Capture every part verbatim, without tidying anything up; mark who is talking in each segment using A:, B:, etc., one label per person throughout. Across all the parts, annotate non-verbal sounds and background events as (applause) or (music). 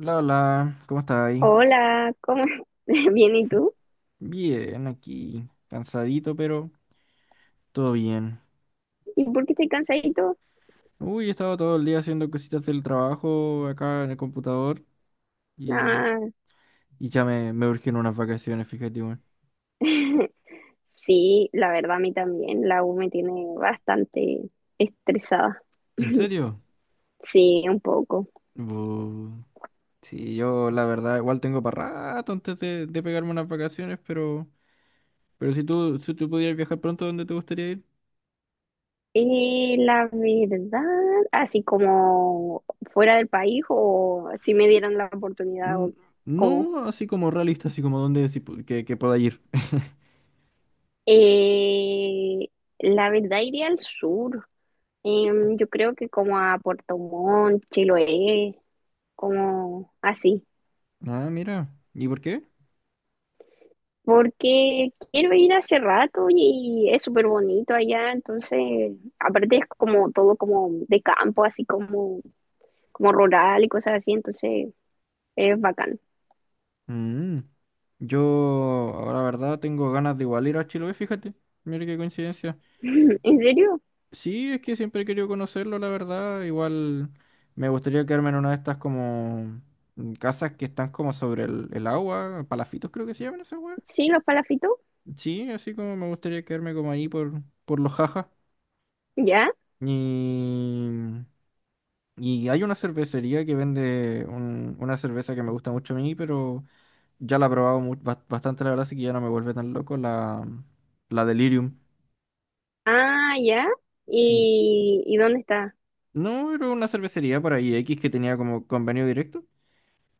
A: Hola, hola, ¿cómo estáis?
B: Hola, ¿cómo? (laughs) Bien, ¿y tú?
A: Bien, aquí, cansadito, pero todo bien.
B: ¿Y por qué estoy cansadito?
A: Uy, he estado todo el día haciendo cositas del trabajo acá en el computador y,
B: Ah,
A: y ya me, me urgen unas vacaciones, fíjate, weón.
B: (laughs) sí, la verdad a mí también, la U me tiene bastante estresada,
A: ¿En serio?
B: sí, un poco.
A: Bu- sí, yo la verdad igual tengo para rato antes de, de pegarme unas vacaciones, pero, pero si tú, si tú pudieras viajar pronto, ¿dónde te gustaría ir?
B: Eh, la verdad, así como fuera del país o si me dieran la oportunidad
A: Mm.
B: o como...
A: No así como realista, así como dónde sí pu- que, que pueda ir. (laughs)
B: Eh, la verdad iría al sur. Em, yo creo que como a Puerto Montt, Chiloé, como así.
A: Ah, mira, ¿y por qué?
B: Porque quiero ir hace rato y es súper bonito allá, entonces, aparte es como todo como de campo, así como, como rural y cosas así, entonces es bacán.
A: Mm. Yo, ahora, la verdad, tengo ganas de igual ir a Chiloé, fíjate. Mira qué coincidencia.
B: (clears throat) ¿En serio?
A: Sí, es que siempre he querido conocerlo, la verdad. Igual me gustaría quedarme en una de estas como mm, casas que están como sobre el, el agua, palafitos creo que se llaman esas weas.
B: ¿Sí, los palafitos?
A: Sí, así como me gustaría quedarme como ahí por, por los jajas.
B: ¿Ya?
A: Y, y hay una cervecería que vende un- una cerveza que me gusta mucho a mí, pero ya la he probado mu- bas- bastante, la verdad, así que ya no me vuelve tan loco la, la Delirium.
B: Ah, ya.
A: Sí.
B: ¿Y, y dónde está?
A: No, era una cervecería por ahí X que tenía como convenio directo,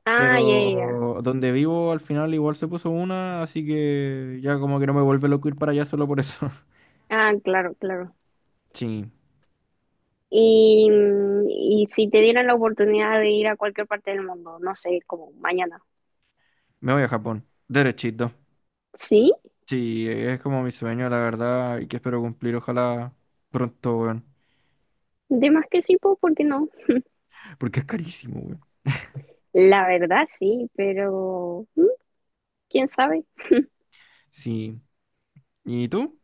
B: Ah, ya, ya, ya.
A: pero donde vivo al final igual se puso una, así que ya como que no me vuelve loco ir para allá solo por eso. (laughs)
B: Ah, claro, claro.
A: Sí,
B: Y, mm, y si te dieran la oportunidad de ir a cualquier parte del mundo, no sé, como mañana.
A: me voy a Japón, derechito.
B: ¿Sí?
A: Sí, es como mi sueño, la verdad, y que espero cumplir, ojalá pronto, weón.
B: De más que sí, pues, ¿por qué no?
A: Porque es carísimo, weón.
B: La verdad sí, pero mm, ¿quién sabe?
A: Sí. ¿Y tú?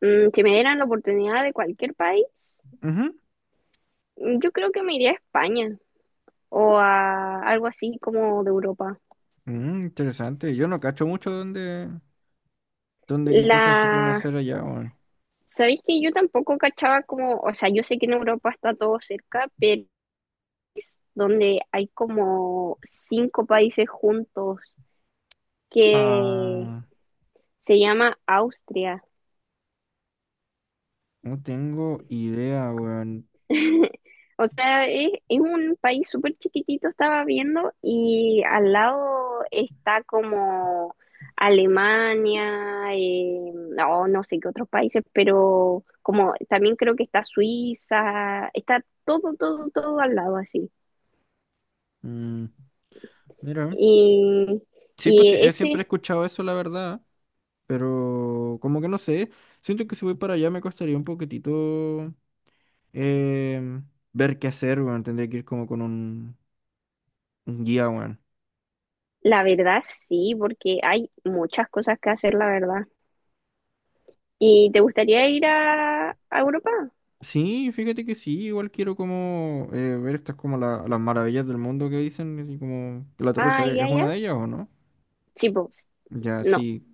B: Mm, si me dieran la oportunidad de cualquier país,
A: Ujú.
B: mm, yo creo que me iría a España o a algo así como de Europa.
A: Mm, interesante. Yo no cacho mucho dónde, dónde qué cosas se pueden
B: La...
A: hacer allá, weón.
B: ¿Sabéis que yo tampoco cachaba como, o sea, yo sé que en Europa está todo cerca, pero donde hay como cinco países juntos que
A: Ah,
B: se llama Austria.
A: no tengo idea, weón.
B: O sea, es, es un país súper chiquitito, estaba viendo, y al lado está como Alemania, eh, no, no sé qué otros países, pero como también creo que está Suiza, está todo, todo, todo al lado así.
A: Mm, mira,
B: Y,
A: sí, pues sí,
B: y
A: eh, siempre he
B: ese,
A: escuchado eso, la verdad, pero como que no sé, siento que si voy para allá me costaría un poquitito em, ver qué hacer, weón, tendría que ir como con un, un guía, weón.
B: la verdad sí, porque hay muchas cosas que hacer, la verdad. ¿Y te gustaría ir a, a Europa?
A: Sí, fíjate que sí, igual quiero como eh, ver estas como la- las maravillas del mundo que dicen, así como que la Torre
B: Ah,
A: Eiffel
B: ya,
A: es
B: ya.
A: una de ellas o no.
B: Sí, pues,
A: Ya,
B: no,
A: sí,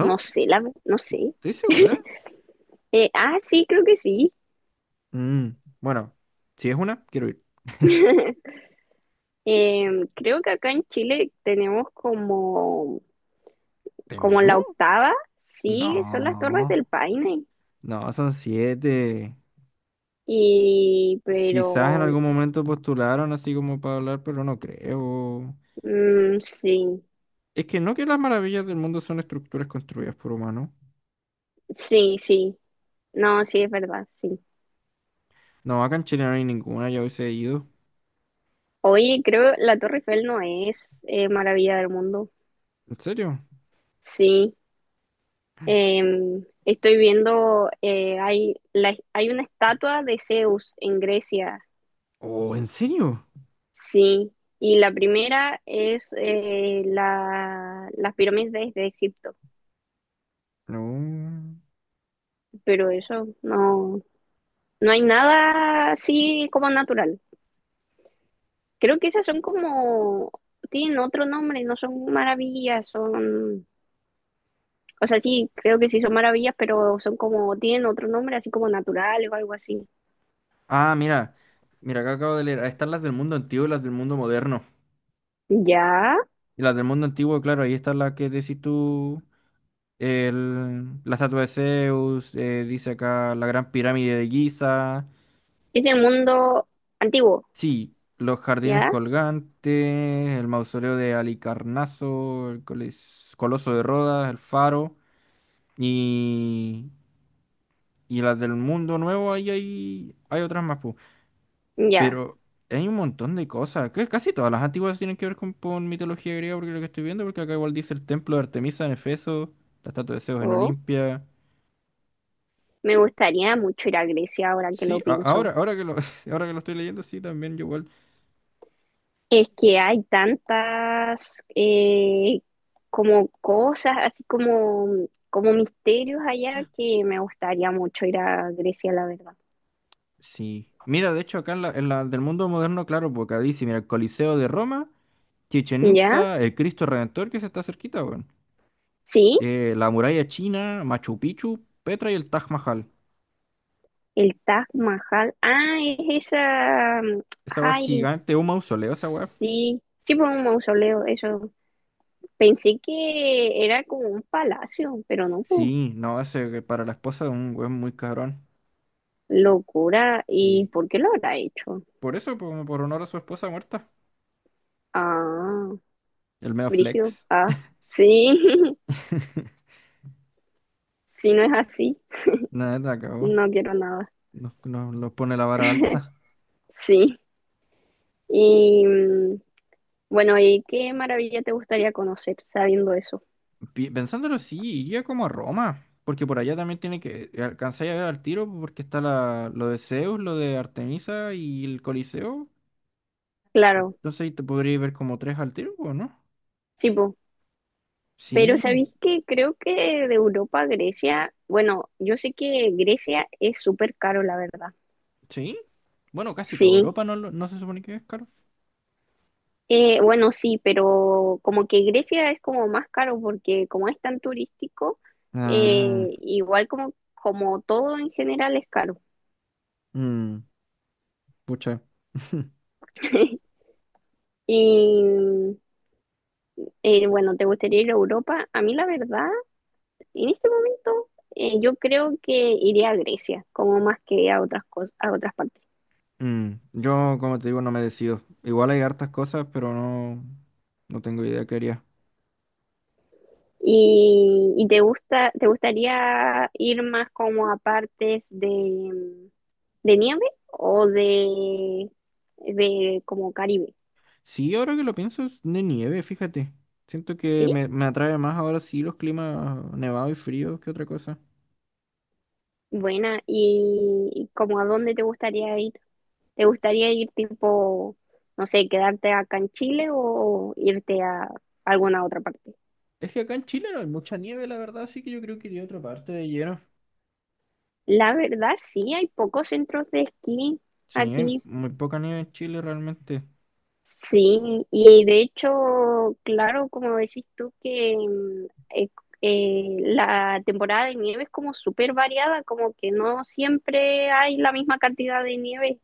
B: no sé, la, no
A: Sí,
B: sé.
A: ¿estoy segura?
B: Eh, ah, sí, creo que sí.
A: Mm, bueno, si es una, quiero ir.
B: Em, creo que acá en Chile tenemos como, como
A: ¿Tenemos?
B: la octava, sí, son las Torres
A: No.
B: del Paine.
A: No, son siete.
B: Y,
A: Quizás en
B: pero,
A: algún momento postularon así como para hablar, pero no creo.
B: mm, sí,
A: Es que no que las maravillas del mundo son estructuras construidas por humanos.
B: sí, sí, no, sí, es verdad, sí.
A: No, acá en Chile no hay ninguna, ya hubiese ido.
B: Oye, creo que la Torre Eiffel no es eh, maravilla del mundo.
A: ¿En serio?
B: Sí, em, estoy viendo, eh, hay, la- hay una estatua de Zeus en Grecia.
A: Oh, ¿en serio?
B: Sí, y la primera es eh, la, las pirámides de Egipto,
A: No.
B: pero eso no, no hay nada así como natural. Creo que esas son como, tienen otro nombre, no son maravillas, son, o sea, sí, creo que sí son maravillas, pero son como, tienen otro nombre así como natural o algo así.
A: Ah, mira. Mira, acá acabo de leer. Ahí están las del mundo antiguo y las del mundo moderno.
B: Ya,
A: Y las del mundo antiguo, claro, ahí está la que decís tú. El, la estatua de Zeus, eh, dice acá la gran pirámide de Giza.
B: es el mundo antiguo,
A: Sí, los jardines
B: ya,
A: colgantes, el mausoleo de Alicarnaso, el colis- Coloso de Rodas, el Faro y, y las del Mundo Nuevo, ahí hay, hay otras más, pu.
B: ya.
A: Pero hay un montón de cosas, que casi todas las antiguas tienen que ver con, con mitología griega, porque lo que estoy viendo, porque acá igual dice el templo de Artemisa en Efeso, la estatua de Zeus en
B: Oh,
A: Olimpia.
B: me gustaría mucho ir a Grecia ahora que
A: Sí,
B: lo
A: a-
B: pienso.
A: ahora, ahora que lo, (laughs) ahora que lo estoy leyendo, sí, también yo igual.
B: Es que hay tantas eh, como cosas, así como, como misterios allá que me gustaría mucho ir a Grecia, la verdad.
A: Sí. Mira, de hecho, acá en la, en la del mundo moderno, claro, porque acá dice, mira, el Coliseo de Roma, Chichen
B: ¿Ya?
A: Itza, el Cristo Redentor, que se está cerquita, weón.
B: Sí,
A: Eh, la muralla china, Machu Picchu, Petra y el Taj Mahal.
B: el Taj Mahal. Ah, es esa. Mm,
A: Esa weá es
B: ay,
A: gigante, un mausoleo, esa weá.
B: sí. Sí, fue un mausoleo, eso. Pensé que era como un palacio, pero no, po.
A: Sí, no, ese que para la esposa de un weón muy cabrón.
B: Locura. ¿Y
A: Sí.
B: por qué lo habrá hecho?
A: Por eso, po- como por honor a su esposa muerta.
B: Ah,
A: El medio
B: brígido.
A: flex.
B: Ah, sí,
A: (laughs)
B: (laughs) si no es así.
A: Nada, acabó.
B: No quiero nada.
A: Nos, nos, nos pone la vara alta.
B: Sí. Y mm, bueno, ¿y qué maravilla te gustaría conocer sabiendo eso?
A: Pi- Pensándolo, sí, iría como a Roma, porque por allá también tiene que alcanzar a ver al tiro, porque está la, lo de Zeus, lo de Artemisa y el Coliseo.
B: Claro,
A: Entonces ahí te podría ver como tres al tiro, ¿o no?
B: sí, po. Pero
A: Sí,
B: ¿sabéis que creo que de Europa a Grecia, bueno, yo sé que Grecia es súper caro, la verdad.
A: sí. Bueno, casi toda
B: Sí.
A: Europa no, lo- no se supone que es caro.
B: Eh, bueno, sí, pero como que Grecia es como más caro porque como es tan turístico,
A: Ah,
B: eh, igual como, como todo en general es caro.
A: mm, pucha. (laughs)
B: (laughs) Y eh, bueno, ¿te gustaría ir a Europa? A mí la verdad en este momento, eh, yo creo que iría a Grecia, como más que a otras cosas, a otras partes.
A: Mm, yo, como te digo, no me decido. Igual hay hartas cosas, pero no, no tengo idea qué haría.
B: ¿Y, y te gusta, te gustaría ir más como a partes de, de nieve o de, de como Caribe?
A: Sí, ahora que lo pienso, es de nieve, fíjate. Siento que
B: ¿Sí?
A: me, me atrae más ahora sí los climas nevados y fríos que otra cosa.
B: Buena. ¿Y, y como a dónde te gustaría ir? ¿Te gustaría ir tipo, no sé, quedarte acá en Chile o irte a alguna otra parte?
A: Es que acá en Chile no hay mucha nieve, la verdad, así que yo creo que iría a otra parte de lleno.
B: La verdad, sí, hay pocos centros de esquí
A: Sí, hay
B: aquí.
A: muy poca nieve en Chile realmente.
B: Sí, y de hecho, claro, como decís tú, que mm, eh, eh, la temporada de nieve es como súper variada, como que no siempre hay la misma cantidad de nieve.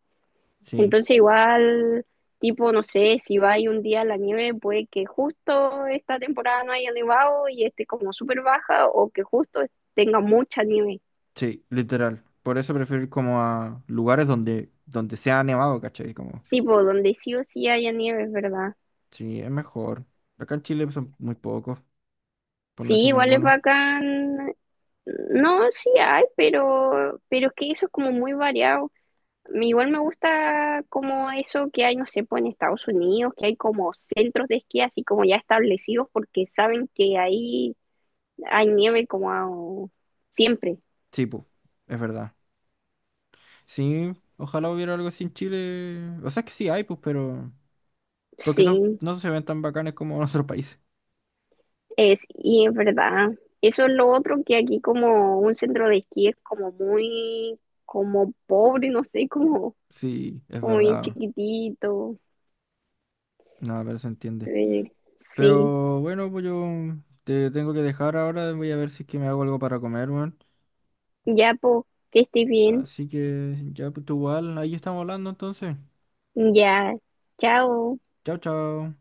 A: Sí,
B: Entonces, igual, tipo, no sé, si va ahí un día la nieve, puede que justo esta temporada no haya nevado y esté como súper baja, o que justo tenga mucha nieve.
A: sí, literal. Por eso prefiero ir como a lugares donde, donde sea nevado, ¿cachai? Como,
B: Sí, pues donde sí o sí haya nieve, es verdad.
A: sí, es mejor. Acá en Chile son muy pocos, por no
B: Sí,
A: decir
B: igual es
A: ninguno.
B: bacán. No, sí hay, pero, pero es que eso es como muy variado. Me igual me gusta como eso que hay, no sé, pues en Estados Unidos, que hay como centros de esquí así como ya establecidos porque saben que ahí hay nieve como a- siempre.
A: Sí, pues, es verdad. Sí, ojalá hubiera algo así en Chile. O sea, es que sí hay, pues, pero... Porque son,
B: Sí,
A: no se ven tan bacanes como en otros países.
B: es, y es verdad. Eso es lo otro, que aquí como un centro de esquí es como muy, como pobre, no sé, como,
A: Sí, es
B: como bien
A: verdad.
B: chiquitito.
A: Nada, pero se entiende.
B: Eh, Sí,
A: Pero bueno, pues yo te tengo que dejar ahora. Voy a ver si es que me hago algo para comer, weón.
B: ya pues, que estés bien.
A: Así que ya, pues tú igual, ahí estamos hablando entonces.
B: Ya, chao.
A: Chao, chao.